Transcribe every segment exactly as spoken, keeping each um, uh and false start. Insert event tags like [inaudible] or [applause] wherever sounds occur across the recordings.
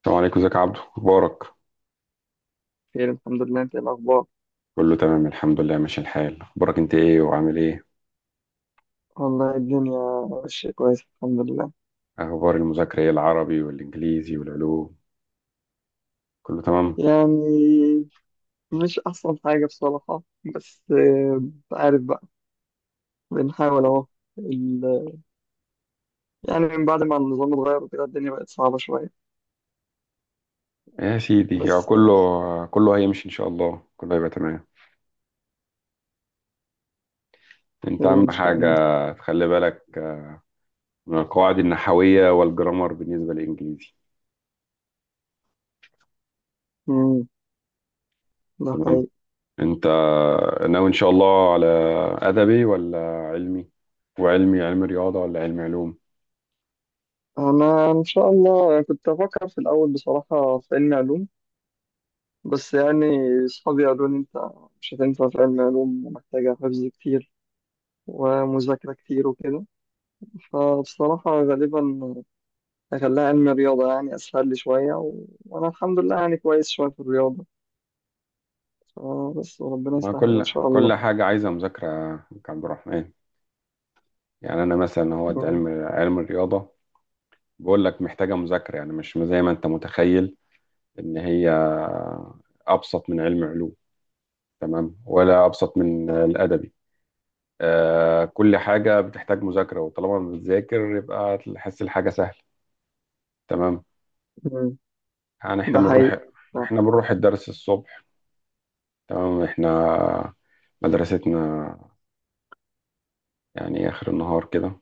السلام عليكم، ازيك يا عبدو؟ اخبارك؟ خير، الحمد لله. انت ايه الاخبار؟ كله تمام الحمد لله، ماشي الحال. اخبارك انت ايه وعامل ايه؟ والله الدنيا ماشيه كويس، الحمد لله. اخبار المذاكره ايه، العربي والانجليزي والعلوم؟ كله تمام. يعني مش احسن حاجه بصراحه، بس آه، عارف بقى، بنحاول اهو. ال- يعني من بعد ما النظام اتغير وكده الدنيا بقت صعبه شويه، يا سيدي يا بس كله، آه، كله هيمشي ان شاء الله، كله هيبقى تمام. انت خير اهم ان شاء حاجه الله. تخلي بالك من القواعد النحويه والجرامر بالنسبه للانجليزي. مم، ده تمام. حقيقي. انت ناوي ان شاء الله على ادبي ولا علمي؟ وعلمي، علم رياضه ولا علم علوم؟ انا ان شاء الله كنت افكر في الاول بصراحه في علم علوم، بس يعني اصحابي قالوا لي انت مش هتنفع في علم علوم، ومحتاجه حفظ كتير ومذاكره كتير وكده. فبصراحة غالبا أخليها علم رياضة، يعني أسهل لي شوية و... وأنا الحمد لله يعني كويس شوية في الرياضة. آه بس ربنا يسهل إن وكل شاء كل الله. حاجه عايزه مذاكره يا عبد الرحمن. يعني انا مثلا هو مم. علم علم الرياضه، بقول لك محتاجه مذاكره، يعني مش زي ما انت متخيل ان هي ابسط من علم علوم، تمام، ولا ابسط من الادبي. آه، كل حاجه بتحتاج مذاكره، وطالما بتذاكر يبقى تحس الحاجه سهله. تمام. مم. يعني احنا ده بنروح حقيقي. آه. احنا بنروح الدرس الصبح. تمام، احنا مدرستنا يعني اخر النهار كده،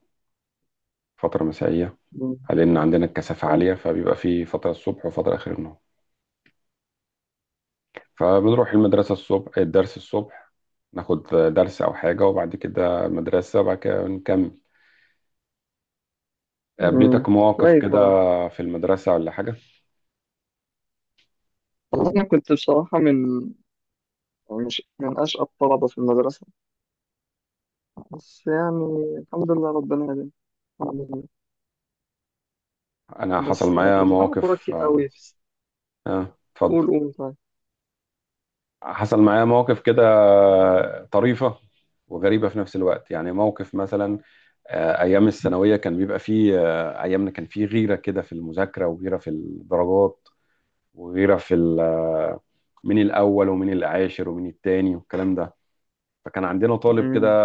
فتره مسائيه، مم. لان عندنا الكثافه كويس. عاليه، فبيبقى في فتره الصبح وفتره اخر النهار. فبنروح المدرسة الصبح، الدرس الصبح، ناخد درس أو حاجة وبعد كده مدرسة وبعد كده نكمل. مم. قابلتك مواقف كويس كده والله. في المدرسة ولا حاجة؟ والله أنا كنت بصراحة من مش من أشقى الطلبة في المدرسة، بس يعني الحمد لله ربنا هداني، الحمد لله. أنا حصل بس معايا كنت بلعب كورة مواقف كتير قوي آه في- آه، اتفضل. قول قول طيب. حصل معايا مواقف كده طريفة وغريبة في نفس الوقت، يعني موقف مثلا، آه، أيام الثانوية كان بيبقى فيه، آه، أيامنا كان فيه غيرة كده في المذاكرة وغيرة في الدرجات وغيرة في ال- آه، مين الأول ومين العاشر ومين التاني والكلام ده. فكان عندنا طالب كده، مم.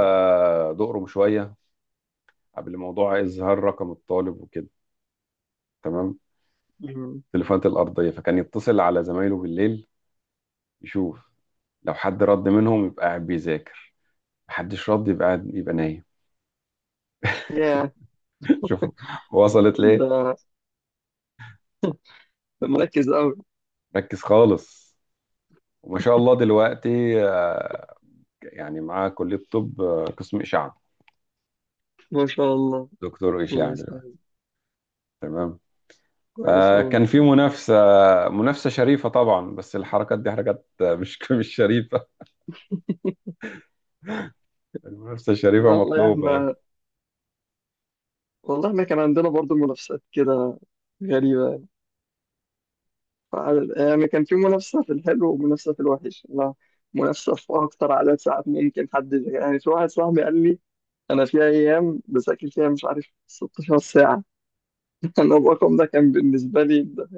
دقرم شوية، قبل موضوع إظهار رقم الطالب وكده، تمام، مم. التليفونات الأرضية، فكان يتصل على زمايله بالليل يشوف لو حد رد منهم يبقى قاعد بيذاكر، محدش رد يبقى قاعد، يبقى نايم. ياه. [laughs] شوف وصلت ليه! ده ده مركز قوي. ركز خالص. وما شاء الله دلوقتي، آه، يعني معاه كلية طب، آه، قسم إشعة، ما شاء الله. دكتور الله إشعة دلوقتي، يسلمك. تمام. كويس والله. فكان في منافسة، منافسة شريفة طبعا، بس الحركات دي حركات مش [laughs] مش شريفة. المنافسة شريفة لا والله مطلوبة يعني، احنا، والله احنا كان عندنا برضو منافسات كده غريبة يعني. فعل- يعني كان في منافسة في الحلو ومنافسة في الوحش، لا منافسة في أكتر عدد ساعات ممكن حد، يعني في واحد صاحبي قال لي: أنا في أيام بذاكر فيها مش عارف 16 ساعة. [laughs] أنا الرقم ده كان بالنسبة لي ده.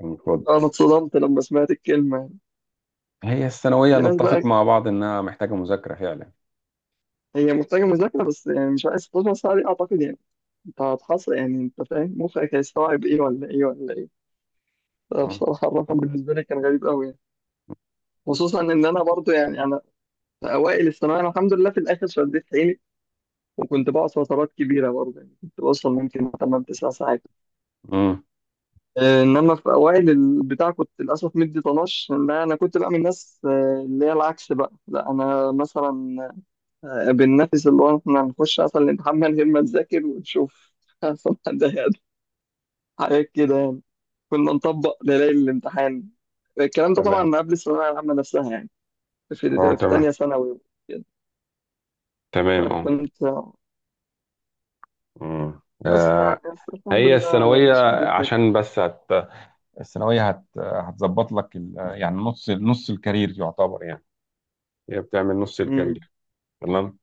المفروض. أنا اتصدمت لما سمعت الكلمة. هي الثانوية في ناس نتفق بقى، مع بعض إنها محتاجة مذاكرة فعلا. هي محتاجة مذاكرة بس يعني مش عارف 16 ساعة دي، أعتقد يعني أنت هتحصل، يعني أنت فاهم مخك هيستوعب إيه ولا إيه ولا إيه. أه. بصراحة الرقم بالنسبة لي كان غريب قوي يعني. خصوصا ان انا برضو يعني انا في اوائل الثانوية، انا الحمد لله في الاخر شديت حيلي، وكنت بقعد فترات كبيرة برضو، يعني كنت بوصل ممكن تمانية 9 ساعات. أمم. آه، انما في اوائل البتاع كنت للاسف مدي طناش، لان انا كنت بقى من الناس، آه، اللي هي العكس بقى، لا انا مثلا آه، بننافس اللي هو احنا هنخش اصلا الامتحان من غير ما نهم نذاكر ونشوف [laughs] أصلاً حد هيقدر. حاجات كده يعني، كنا نطبق ليالي الامتحان. الكلام ده تمام. طبعا قبل الثانوية العامة نفسها يعني، في اه. في تمام. تانية ثانوي كده. تمام. اه. فكنت مم. بس آه، يعني بس الحمد هي لله الثانوية شديت لك. عشان بس هت... الثانوية هت... هتظبط لك ال... يعني نص نص الكارير يعتبر، يعني هي بتعمل نص امم، الكارير. تمام.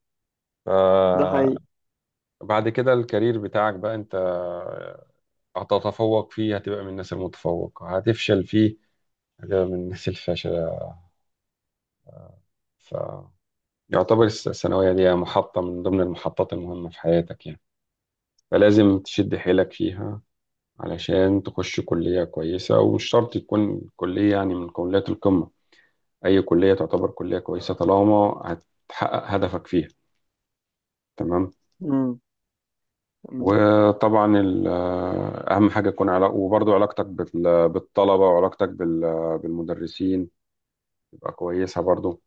ده آه، حقيقي. بعد كده الكارير بتاعك بقى انت، هتتفوق فيه هتبقى من الناس المتفوقة، هتفشل فيه هتبقى من الناس الفاشلة. يعتبر الس- الثانوية دي محطة من ضمن المحطات المهمة في حياتك يعني، فلازم تشد حيلك فيها علشان تخش كلية كويسة، ومش شرط تكون كلية يعني من كليات القمة، أي كلية تعتبر كلية كويسة طالما هتحقق هدفك فيها. تمام. امم، تمام. وطبعا ال- أهم حاجة تكون علاقة، وبرضو علاقتك بال- بالطلبة، وعلاقتك بال- بالمدرسين تبقى كويسة برضو.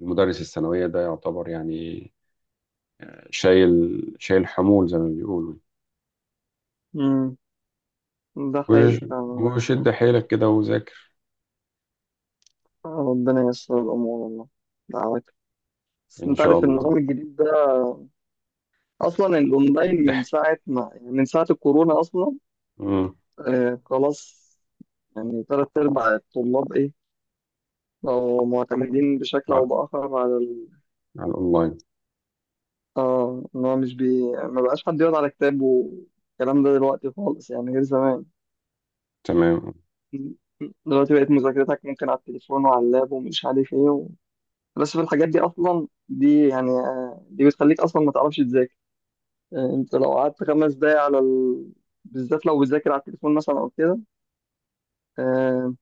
المدرس الثانوية ده يعتبر يعني شايل، شايل حمول زي ما بيقولوا. امم، ده حقيقي وش- فعلا يعني. وشد حيلك كده وذاكر. ربنا ييسر الأمور والله، دعواتك. بس إن أنت شاء عارف الله. النظام الجديد ده، أصلا الأونلاين من اح- ساعة ما، يعني من ساعة الكورونا أصلا. مم. آه خلاص، يعني تلات أرباع الطلاب إيه، بقوا معتمدين بشكل على أو بآخر على على الأونلاين. اه ان هو مش بي، ما بقاش حد يقعد على كتاب والكلام ده دلوقتي خالص، يعني غير زمان. تمام. دلوقتي بقت مذاكرتك ممكن على التليفون وعلى اللاب ومش عارف ايه و... بس في الحاجات دي اصلا، دي يعني آه، دي بتخليك اصلا ما تعرفش تذاكر. آه، انت لو قعدت خمس دقايق على ال... بالذات لو بتذاكر على التليفون مثلا او كده، آه،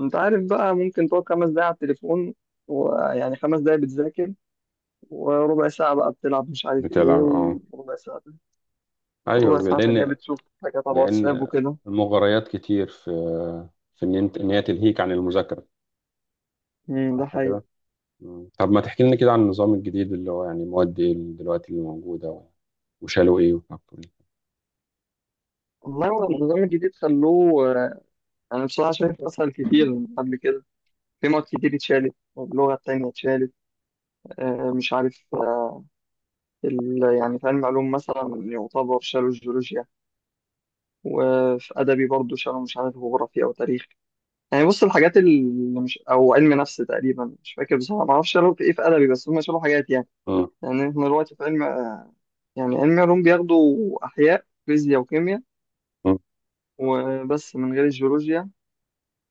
انت عارف بقى ممكن تقعد خمس دقايق على التليفون، ويعني خمس دقايق بتذاكر، وربع ساعة بقى بتلعب مش عارف ايه. بتلعب، أه. وربع ساعة، ربع أيوه، ساعة تانية لأن بتشوف حاجات على واتساب لأن وكده. المغريات كتير في، في إن أنت، إن هي تلهيك عن المذاكرة، امم، ده صح حقيقي. كده؟ مم. طب ما تحكي لنا كده عن النظام الجديد، اللي هو يعني مواد إيه اللي دلوقتي اللي موجودة، وشالوا إيه وحطوا إيه؟ والله هو النظام الجديد خلوه آه، انا بصراحه شايف اسهل كتير من قبل كده. في مواد كتير اتشالت، اللغه التانية اتشالت. آه، مش عارف آه، ال- يعني في علم علوم مثلا يعتبر شالوا الجيولوجيا، وفي ادبي برضو شالوا مش عارف جغرافيا او تاريخ. يعني بص الحاجات اللي مش او علم نفس تقريبا، مش فاكر بصراحه، ما اعرفش شالوا في ايه في ادبي، بس هم شالوا حاجات يعني. مم. يعني احنا دلوقتي في علم آه، يعني علم علوم بياخدوا احياء فيزياء وكيمياء، مم. وبس من غير الجيولوجيا.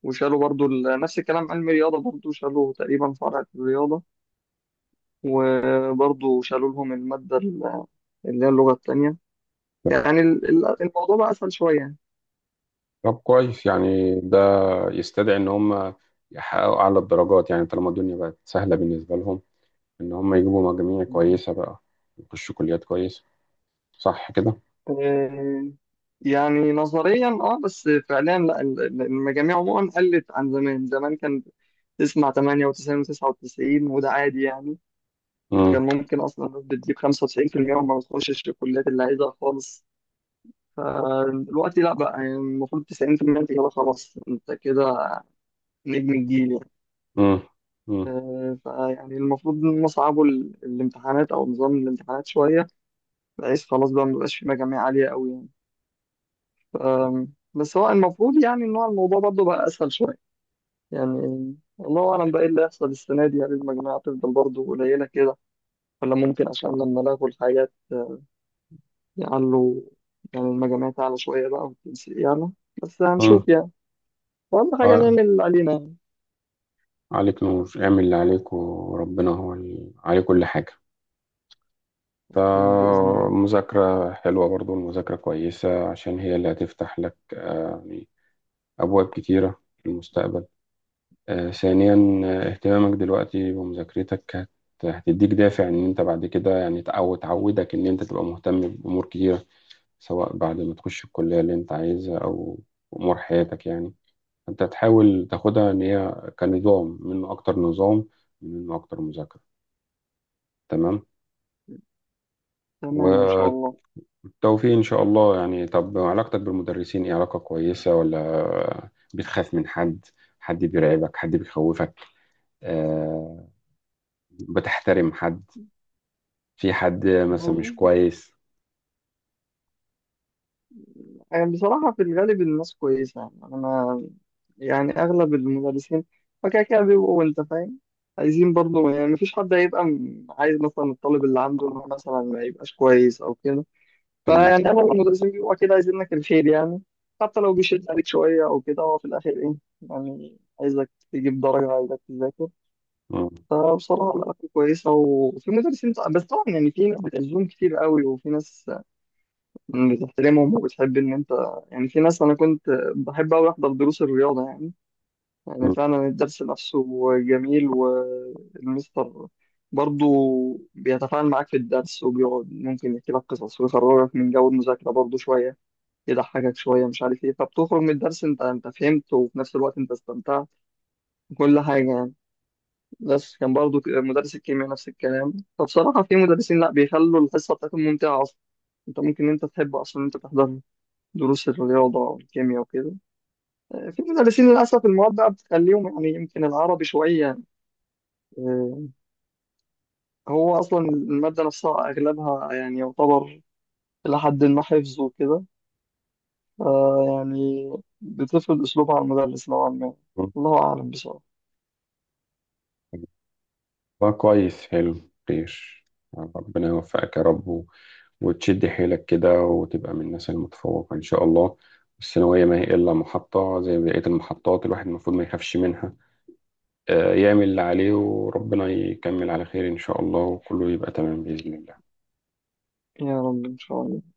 وشالوا برضو ال- نفس الكلام علم الرياضة، برضو شالوا تقريبا فرع في الرياضة، وبرضو شالوا لهم المادة ال- اللي هي اللغة التانية. يعني ال- ال- الموضوع بقى أسهل شوية يعني. طب كويس، يعني ده يستدعي ان هم يحققوا اعلى الدرجات، يعني طالما الدنيا بقت سهله بالنسبه لهم ان هم يجيبوا مجاميع كويسه بقى، يخشوا كليات كويسه، صح كده. آه، يعني نظريا اه، بس فعليا لا، ال- ال- المجاميع عموما قلت عن زمان. زمان كان تسمع تمانية وتسعين و99 وده عادي يعني، وكان امم، ممكن اصلا الناس بتجيب خمسة وتسعين بالمية وما بتخشش الكليات اللي عايزها خالص. فالوقت لا بقى، يعني المفروض تسعين في المية، انت كده خلاص، انت كده نجم الجيل يعني. امم، امم، آه، فيعني المفروض نصعبوا ال- الامتحانات او نظام الامتحانات شويه، بحيث خلاص بقى مبقاش في مجاميع عاليه قوي يعني. ف- بس هو المفروض يعني ان هو الموضوع برضه بقى اسهل شويه يعني. الله اعلم بقى ايه اللي هيحصل السنه دي، هل المجموعه تفضل برضه قليله كده ولا ممكن عشان لما لغوا الحاجات آه، يعلوا، يعني المجاميع تعلى شويه بقى، والتنسيق يعلى. بس امم. هنشوف يعني، اهم حاجه آه، نعمل اللي علينا يعني. عليك نور، اعمل اللي عليك وربنا هو اللي عليه كل حاجه. أكيد بإذن الله. فمذاكرة حلوة، برضو المذاكرة كويسة عشان هي اللي هتفتح لك، آه، يعني أبواب كتيرة في المستقبل. آه، ثانيا، آه، اهتمامك دلوقتي بمذاكرتك هت- هتديك دافع إن أنت بعد كده، يعني تع- أو تعودك إن أنت تبقى مهتم بأمور كتيرة، سواء بعد ما تخش الكلية اللي أنت عايزها، أو أمور حياتك يعني. أنت تحاول تاخدها إن هي كنظام منه أكتر، نظام منه أكتر مذاكرة. تمام. تمام إن شاء الله. والتوفيق إن شاء الله. يعني طب علاقتك بالمدرسين إيه، علاقة كويسة ولا بتخاف من حد؟ حد بيرعبك، حد بيخوفك، أه، بتحترم حد، في حد مثلا مش هو- كويس؟ يعني بصراحة في الغالب الناس كويسة، يعني أنا ما، يعني أغلب المدرسين فكده كده بيبقوا أنت فاهم، عايزين برضه يعني. مفيش حد هيبقى م- عايز مثلا الطالب اللي عنده إن هو مثلا ما يبقاش كويس أو كده. تمام. فيعني أغلب المدرسين بيبقوا كده عايزين لك الخير يعني، حتى لو بيشد عليك شوية أو كده، هو في الآخر إيه، يعني عايزك تجيب درجة، عايزك تذاكر. مم. فبصراحة العلاقة كويسة، وفي مدرسين، بس طبعا يعني في ناس بتعزهم كتير قوي، وفي ناس بتحترمهم وبتحب ان انت، يعني في ناس انا كنت بحب اوي احضر دروس الرياضه يعني، يعني فعلا الدرس نفسه جميل، والمستر برضه بيتفاعل معاك في الدرس، وبيقعد ممكن يحكي لك قصص ويخرجك من جو المذاكره برضه شويه، يضحكك شويه مش عارف ايه. فبتخرج من الدرس انت انت فهمت، وفي نفس الوقت انت استمتعت وكل حاجه يعني. بس كان برضه مدرس الكيمياء نفس الكلام، فبصراحه في مدرسين لا بيخلوا الحصه بتاعتهم ممتعه اصلا، انت ممكن انت تحب اصلا انت تحضرها، دروس الرياضة والكيمياء وكده. آه، في مدرسين للأسف المواد بقى بتخليهم يعني، يمكن العربي شوية. آه، هو أصلا المادة نفسها أغلبها يعني يعتبر إلى حد ما حفظ وكده. آه، يعني بتفرض أسلوبها على المدرس نوعا ما. مم. الله أعلم بصراحة. والله كويس، حلو. خير. ربنا يوفقك يا رب، و... وتشد حيلك كده وتبقى من الناس المتفوقة إن شاء الله. الثانوية ما هي إلا محطة زي بقية المحطات، الواحد المفروض ما يخافش منها، آه، يعمل اللي عليه وربنا يكمل على خير إن شاء الله، وكله يبقى تمام بإذن الله. يا رب إن شاء الله.